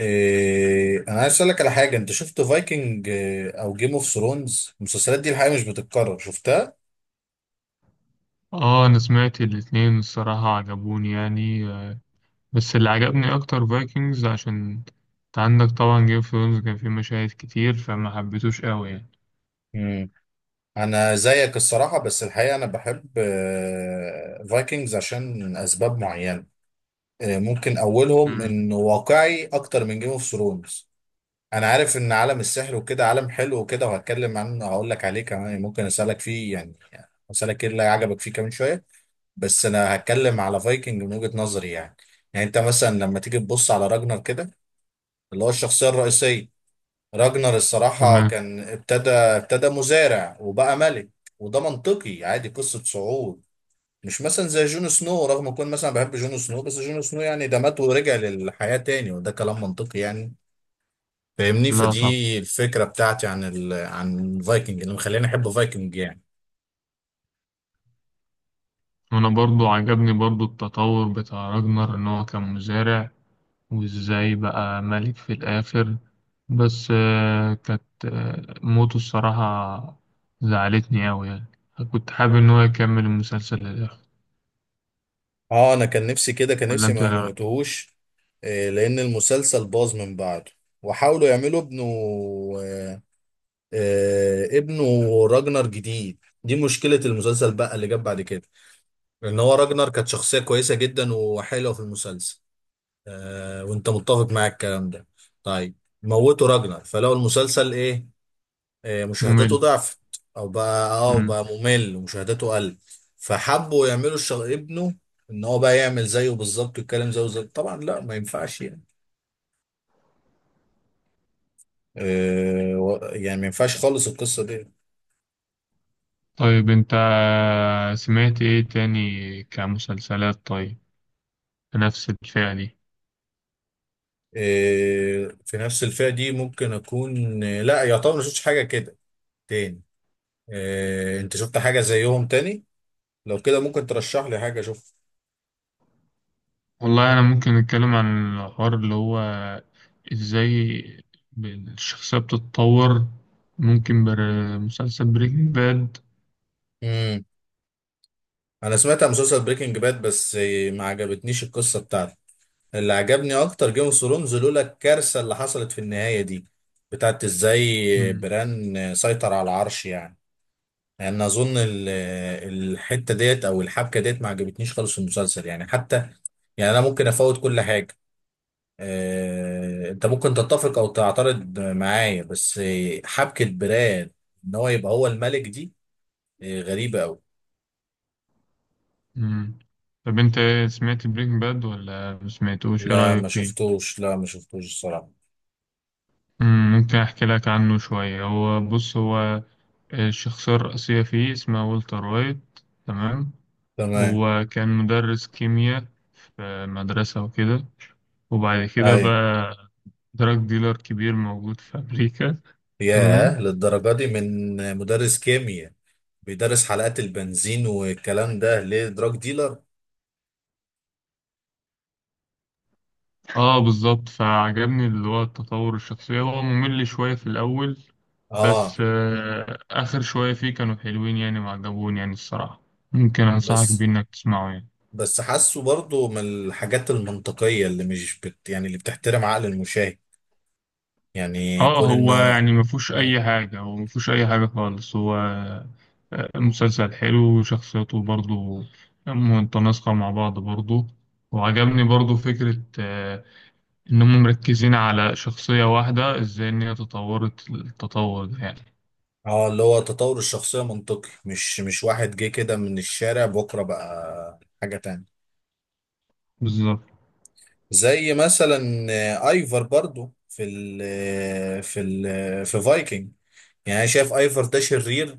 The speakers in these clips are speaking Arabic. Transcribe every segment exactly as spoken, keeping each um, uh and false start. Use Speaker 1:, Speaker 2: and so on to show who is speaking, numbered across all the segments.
Speaker 1: إيه انا عايز اسالك على حاجه، انت شفت فايكنج او جيم اوف ثرونز؟ المسلسلات دي الحقيقه مش بتتكرر، شفتها؟
Speaker 2: اه، انا سمعت الاتنين الصراحة عجبوني يعني آه، بس اللي عجبني اكتر فايكنجز عشان انت عندك طبعا جيم اوف ثرونز كان فيه مشاهد كتير فما حبيتوش قوي يعني.
Speaker 1: امم انا زيك الصراحه، بس الحقيقه انا بحب فايكنجز عشان اسباب معينه. آه، ممكن اولهم
Speaker 2: مم.
Speaker 1: انه واقعي اكتر من جيم اوف ثرونز. انا عارف ان عالم السحر وكده عالم حلو وكده، وهتكلم عنه هقول لك عليه كمان، ممكن اسالك فيه يعني، اسالك ايه اللي عجبك فيه كمان شويه. بس انا هتكلم على فايكنج من وجهة نظري يعني. يعني انت مثلا لما تيجي تبص على راجنر كده، اللي هو الشخصية الرئيسية. راجنر الصراحة
Speaker 2: تمام.
Speaker 1: كان ابتدى ابتدى مزارع وبقى ملك، وده منطقي عادي، قصة صعود. مش مثلا زي جون سنو، رغم كون مثلا بحب جون سنو، بس جون سنو يعني ده مات ورجع للحياة تاني، وده كلام منطقي يعني. فاهمني؟
Speaker 2: لا طبعا،
Speaker 1: فدي الفكرة بتاعتي عن ال... عن فايكنج اللي مخليني احب فايكنج يعني.
Speaker 2: وانا برضو عجبني برضو التطور بتاع راجنر ان هو كان مزارع وازاي بقى ملك في الاخر. بس آه، كانت آه، موته الصراحة زعلتني قوي يعني. كنت حابب ان هو يكمل المسلسل للاخر.
Speaker 1: اه، انا كان نفسي كده، كان
Speaker 2: ولا
Speaker 1: نفسي
Speaker 2: انت إيه
Speaker 1: ما
Speaker 2: رأيك؟
Speaker 1: موتوهوش. آه، لأن المسلسل باظ من بعده، وحاولوا يعملوا ابنه آه، آه، ابنه راجنر جديد. دي مشكلة المسلسل بقى اللي جاب بعد كده، لأن هو راجنر كانت شخصية كويسة جدا وحلوة في المسلسل. آه، وأنت متفق معاك الكلام ده. طيب، موتوا راجنر فلو المسلسل إيه؟ آه، مشاهداته
Speaker 2: ممل.
Speaker 1: ضعفت، أو بقى أه بقى ممل ومشاهداته قل. فحبوا يعملوا الشغ... ابنه، ان هو بقى يعمل زيه بالظبط ويتكلم زيه زي طبعا، لا ما ينفعش يعني. آه، و- يعني ما ينفعش خالص القصه دي.
Speaker 2: طيب انت سمعت ايه تاني كمسلسلات؟ طيب بنفس الفئة دي.
Speaker 1: آه، في نفس الفئه دي ممكن اكون، آه، لا، يعتبر ما شفتش حاجه كده تاني. آه، انت شفت حاجه زيهم تاني؟ لو كده ممكن ترشح لي حاجه اشوفها.
Speaker 2: والله انا ممكن نتكلم عن الحوار اللي هو ازاي الشخصية بتتطور. ممكن بر...
Speaker 1: مم.
Speaker 2: مسلسل بريكنج باد.
Speaker 1: مم. انا سمعت عن مسلسل بريكنج باد، بس آه، ما عجبتنيش القصه بتاعته. اللي عجبني اكتر جيم اوف ثرونز، لولا الكارثه اللي حصلت في النهايه دي، بتاعت ازاي بران سيطر على العرش يعني. لان اظن ال- الحته ديت او الحبكه ديت ما عجبتنيش خالص في المسلسل يعني، حتى يعني انا ممكن افوت كل حاجه، آه، انت ممكن تتفق او تعترض معايا، بس آه، حبكه براد ان هو يبقى هو الملك دي آه، غريبه قوي.
Speaker 2: طب انت ايه، سمعت بريكنج باد ولا مسمعتوش؟ ايه
Speaker 1: لا،
Speaker 2: رأيك
Speaker 1: ما
Speaker 2: فيه؟
Speaker 1: شفتوش، لا ما شفتوش الصراحه.
Speaker 2: مم، ممكن احكي لك عنه شوية. هو بص، هو الشخصية الرئيسية فيه اسمها والتر وايت. تمام.
Speaker 1: تمام.
Speaker 2: هو كان مدرس كيمياء في مدرسة وكده، وبعد كده
Speaker 1: اي.
Speaker 2: بقى دراج ديلر كبير موجود في أمريكا. تمام.
Speaker 1: ياه، للدرجه دي؟ من مدرس كيمياء بيدرس حلقات البنزين والكلام ده ليه دراج ديلر؟
Speaker 2: اه، بالظبط، فعجبني اللي هو التطور الشخصية. هو ممل شوية في الأول، بس
Speaker 1: اه.
Speaker 2: آه آخر شوية فيه كانوا حلوين يعني وعجبوني يعني الصراحة. ممكن أنصحك بيه
Speaker 1: بس
Speaker 2: إنك تسمعه يعني.
Speaker 1: بس حاسه برضه من الحاجات المنطقية اللي مش بت يعني اللي بتحترم عقل المشاهد، يعني
Speaker 2: اه،
Speaker 1: كون
Speaker 2: هو
Speaker 1: انه.
Speaker 2: يعني ما فيهوش اي حاجه، هو ما فيهوش اي حاجه خالص. هو آه، مسلسل حلو وشخصيته برضو متناسقه مع بعض برضو. وعجبني برضو فكره آه، انهم مركزين على شخصيه واحده ازاي ان هي تطورت التطور ده يعني.
Speaker 1: اه اللي هو تطور الشخصية منطقي، مش مش واحد جه كده من الشارع بكرة بقى حاجة تانية.
Speaker 2: بالظبط.
Speaker 1: زي مثلا آه، ايفر برضو في ال في ال في فايكنج. يعني انا شايف ايفر ده شرير،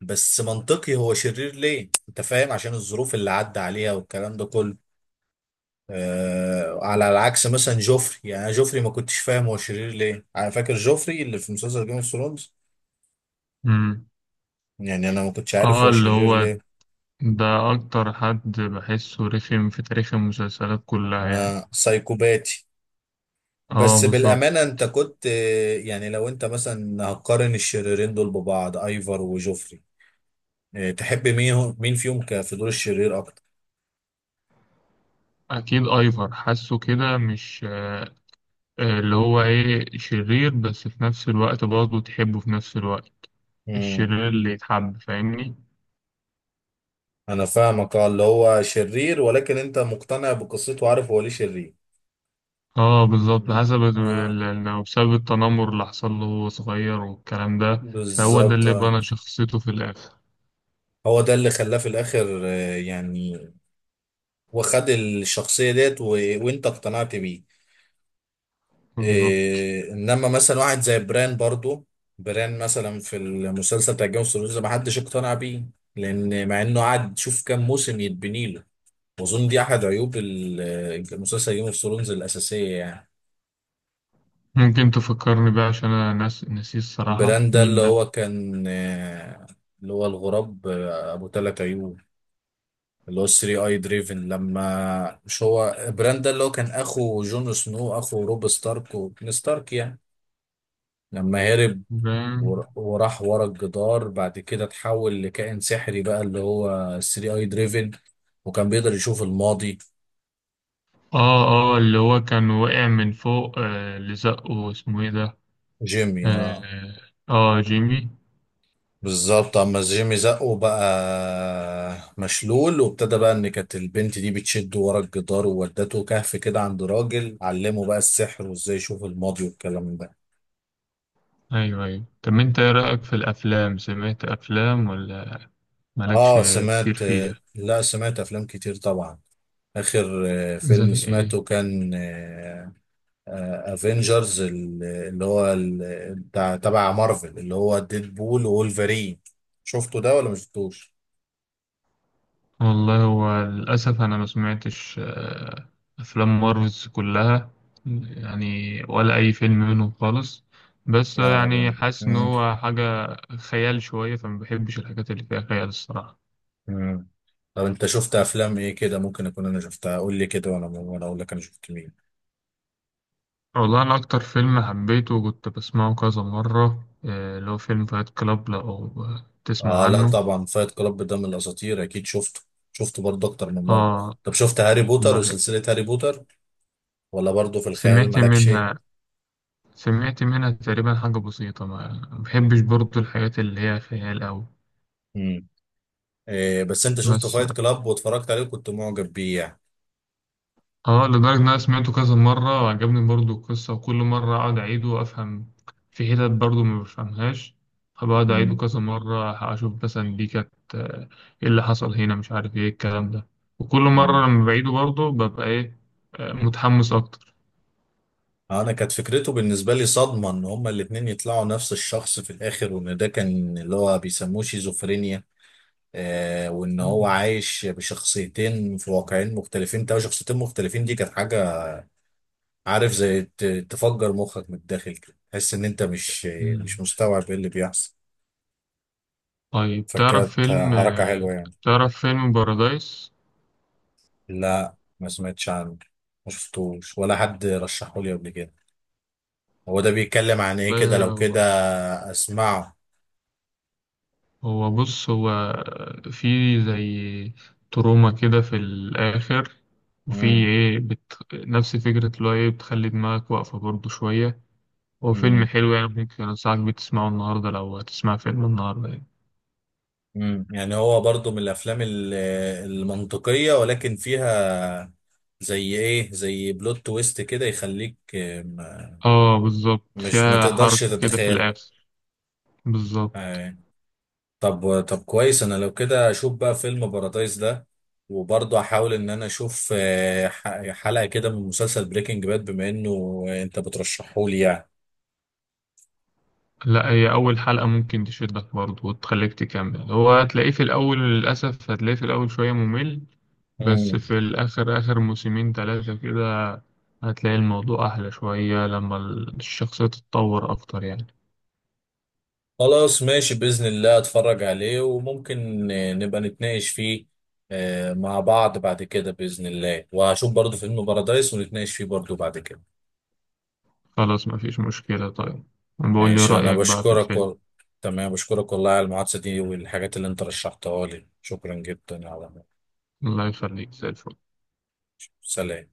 Speaker 1: بس منطقي. هو شرير ليه؟ انت فاهم، عشان الظروف اللي عدى عليها والكلام ده كله. آه على العكس مثلا جوفري، يعني أنا جوفري ما كنتش فاهم هو شرير ليه. انا فاكر جوفري اللي في مسلسل جيم اوف ثرونز،
Speaker 2: مم.
Speaker 1: يعني انا ما كنتش عارف
Speaker 2: اه،
Speaker 1: هو
Speaker 2: اللي
Speaker 1: شرير
Speaker 2: هو
Speaker 1: ليه.
Speaker 2: ده اكتر حد بحسه رخم في تاريخ المسلسلات كلها يعني.
Speaker 1: آه، سايكوباتي.
Speaker 2: اه،
Speaker 1: بس بالامانه
Speaker 2: بالظبط.
Speaker 1: انت كنت آه، يعني لو انت مثلا هتقارن الشريرين دول ببعض، ايفر وجوفري، آه تحب مين، مين فيهم ك- في دور الشرير اكتر؟
Speaker 2: اكيد ايفر، حاسه كده. مش آه، آه، اللي هو ايه، شرير بس في نفس الوقت برضه تحبه في نفس الوقت.
Speaker 1: امم
Speaker 2: الشرير اللي يتحب، فاهمني؟
Speaker 1: انا فاهمك، اه اللي هو شرير، ولكن انت مقتنع بقصته وعارف هو ليه شرير.
Speaker 2: اه، بالظبط، حسب ال-
Speaker 1: آه
Speaker 2: ال- لو بسبب التنمر اللي حصل له وهو صغير والكلام ده، فهو ده
Speaker 1: بالظبط.
Speaker 2: اللي
Speaker 1: آه.
Speaker 2: بنى شخصيته في الآخر.
Speaker 1: هو ده اللي خلاه في الاخر آه، يعني، وخد الشخصيه ديت و... وانت اقتنعت بيه.
Speaker 2: بالظبط.
Speaker 1: آه، انما مثلا واحد زي بران برضو، بران مثلا في المسلسل بتاع جيم اوف ثرونز ما حدش اقتنع بيه، لان مع انه قعد شوف كام موسم يتبني له. واظن دي احد عيوب ال- المسلسل جيم اوف ثرونز الاساسيه يعني.
Speaker 2: ممكن تفكرني بقى عشان انا ناس نسيت الصراحة،
Speaker 1: بران ده
Speaker 2: مين
Speaker 1: اللي
Speaker 2: ده؟
Speaker 1: هو كان آه، اللي هو الغراب آه، ابو ثلاث عيوب، اللي هو ثري اي دريفن. لما مش هو براند ده اللي هو كان اخو جون سنو، اخو روب ستارك وكين ستارك يعني، لما هرب
Speaker 2: ده-
Speaker 1: ور- وراح ورا الجدار، بعد كده اتحول لكائن سحري بقى اللي هو تلاتة اي دريفن، وكان بيقدر يشوف الماضي.
Speaker 2: اه، اه، اللي هو كان وقع من فوق، آه، اللي زقه اسمه ايه ده؟
Speaker 1: جيمي،
Speaker 2: اه.
Speaker 1: اه
Speaker 2: آه، جيمي.
Speaker 1: بالظبط. اما جيمي زقه بقى مشلول، وابتدى بقى ان كانت البنت دي بتشده ورا الجدار، وودته كهف كده عند راجل علمه بقى السحر وازاي يشوف الماضي والكلام ده.
Speaker 2: ايوه، ايوه. طب انت ايه رأيك في الافلام؟ سمعت افلام ولا مالكش
Speaker 1: اه
Speaker 2: كتير
Speaker 1: سمعت.
Speaker 2: فيها؟
Speaker 1: لا، سمعت افلام كتير طبعا. اخر آه،
Speaker 2: زي
Speaker 1: فيلم
Speaker 2: ايه؟
Speaker 1: سمعته كان افنجرز، اللي هو ال- بتاع تبع مارفل، اللي هو ديدبول وولفرين. شفته ده ولا مشفتوش؟
Speaker 2: والله هو للاسف انا ما سمعتش آه، افلام مارفلز كلها يعني، ولا اي فيلم منهم خالص. بس
Speaker 1: يا نهار
Speaker 2: يعني
Speaker 1: ابيض.
Speaker 2: حاسس ان
Speaker 1: مم.
Speaker 2: هو حاجة خيال شوية، فما بحبش الحاجات اللي فيها خيال الصراحة.
Speaker 1: مم. طب انت شفت افلام ايه كده ممكن اكون انا شفتها؟ قول لي كده، وانا وانا اقول لك انا شفت مين.
Speaker 2: والله انا اكتر فيلم حبيته وكنت بسمعه كذا مرة آه، اللي هو فيلم فايت كلاب، لو تسمع
Speaker 1: اه، لا
Speaker 2: عنه.
Speaker 1: طبعا، فايت كلاب ده من الاساطير، اكيد شفته. شفته برضه اكتر من مره.
Speaker 2: اه.
Speaker 1: طب، شفت هاري بوتر
Speaker 2: بح-
Speaker 1: وسلسله هاري بوتر؟ ولا برضه في الخيال
Speaker 2: سمعت
Speaker 1: مالكش؟
Speaker 2: منها. سمعت منها تقريبا حاجة بسيطة، ما ما بحبش برضو الحاجات اللي هي خيال أوي.
Speaker 1: مم. إيه، بس انت شفت
Speaker 2: بس
Speaker 1: فايت كلاب واتفرجت عليه وكنت معجب بيه يعني؟
Speaker 2: اه، لدرجة إن أنا سمعته كذا مرة وعجبني برضو القصة، وكل مرة أقعد أعيده وأفهم. في حتت برضو ما بفهمهاش، فبقعد أعيده
Speaker 1: مم.
Speaker 2: كذا مرة أشوف مثلا دي كانت آه، إيه اللي حصل هنا، مش عارف إيه الكلام ده. وكل
Speaker 1: مم.
Speaker 2: مرة لما بعيده برضو ببقى إيه آه، متحمس أكتر.
Speaker 1: انا كانت فكرته بالنسبه لي صدمه، ان هما الاتنين يطلعوا نفس الشخص في الاخر، وان ده كان اللي هو بيسموه شيزوفرينيا. آه وان هو
Speaker 2: مم.
Speaker 1: عايش بشخصيتين في واقعين مختلفين، تلاقي شخصيتين مختلفين. دي كانت حاجه، عارف، زي ت- تفجر مخك من الداخل كده، تحس ان انت مش مش
Speaker 2: مم.
Speaker 1: مستوعب ايه اللي بيحصل.
Speaker 2: طيب، تعرف
Speaker 1: فكانت
Speaker 2: فيلم
Speaker 1: حركه
Speaker 2: آه،
Speaker 1: حلوه يعني.
Speaker 2: تعرف فيلم بارادايس؟
Speaker 1: لا، ما سمعتش عنه، ما شفتوش ولا حد رشحه لي قبل كده. هو ده بيتكلم عن ايه كده؟ لو كده اسمعه.
Speaker 2: هو بص، هو في زي تروما كده في الآخر. وفي
Speaker 1: امم
Speaker 2: إيه بت... نفس فكرة اللي هو إيه بتخلي دماغك واقفة برضه شوية. هو فيلم
Speaker 1: امم
Speaker 2: حلو يعني، ممكن أنصحك بيه تسمعه النهاردة، لو هتسمع فيلم النهاردة يعني.
Speaker 1: امم يعني هو برضو من الافلام ال- المنطقية ولكن فيها زي ايه، زي بلوت تويست كده، يخليك آه، ما-
Speaker 2: آه، بالظبط،
Speaker 1: مش ما
Speaker 2: فيها
Speaker 1: تقدرش
Speaker 2: حركة كده في
Speaker 1: تتخيل.
Speaker 2: الآخر. بالظبط.
Speaker 1: آه، طب طب كويس، انا لو كده اشوف بقى فيلم بارادايس ده، وبرضه احاول ان انا اشوف آه، ح- حلقة كده من مسلسل بريكنج باد، بما انه انت بترشحه لي يعني.
Speaker 2: لا، هي أول حلقة ممكن تشدك برضه وتخليك تكمل. هو هتلاقيه في الأول، للأسف هتلاقيه في الأول شوية ممل، بس
Speaker 1: مم.
Speaker 2: في الآخر آخر موسمين تلاتة كده هتلاقي الموضوع أحلى شوية، لما الشخصية تتطور أكتر يعني.
Speaker 1: خلاص ماشي، بإذن الله اتفرج عليه، وممكن آه، نبقى نتناقش فيه آه، مع بعض بعد كده بإذن الله، وهشوف برضو فيلم بارادايس ونتناقش فيه برضو بعد كده.
Speaker 2: خلاص، مفيش مشكلة. طيب بقول لي
Speaker 1: ماشي، أنا
Speaker 2: رأيك بقى في
Speaker 1: بشكرك
Speaker 2: الفيلم.
Speaker 1: و... تمام، بشكرك والله على المحادثة دي والحاجات اللي أنت رشحتها لي، شكرا جدا على.
Speaker 2: الله يخليك، زي الفل.
Speaker 1: سلام.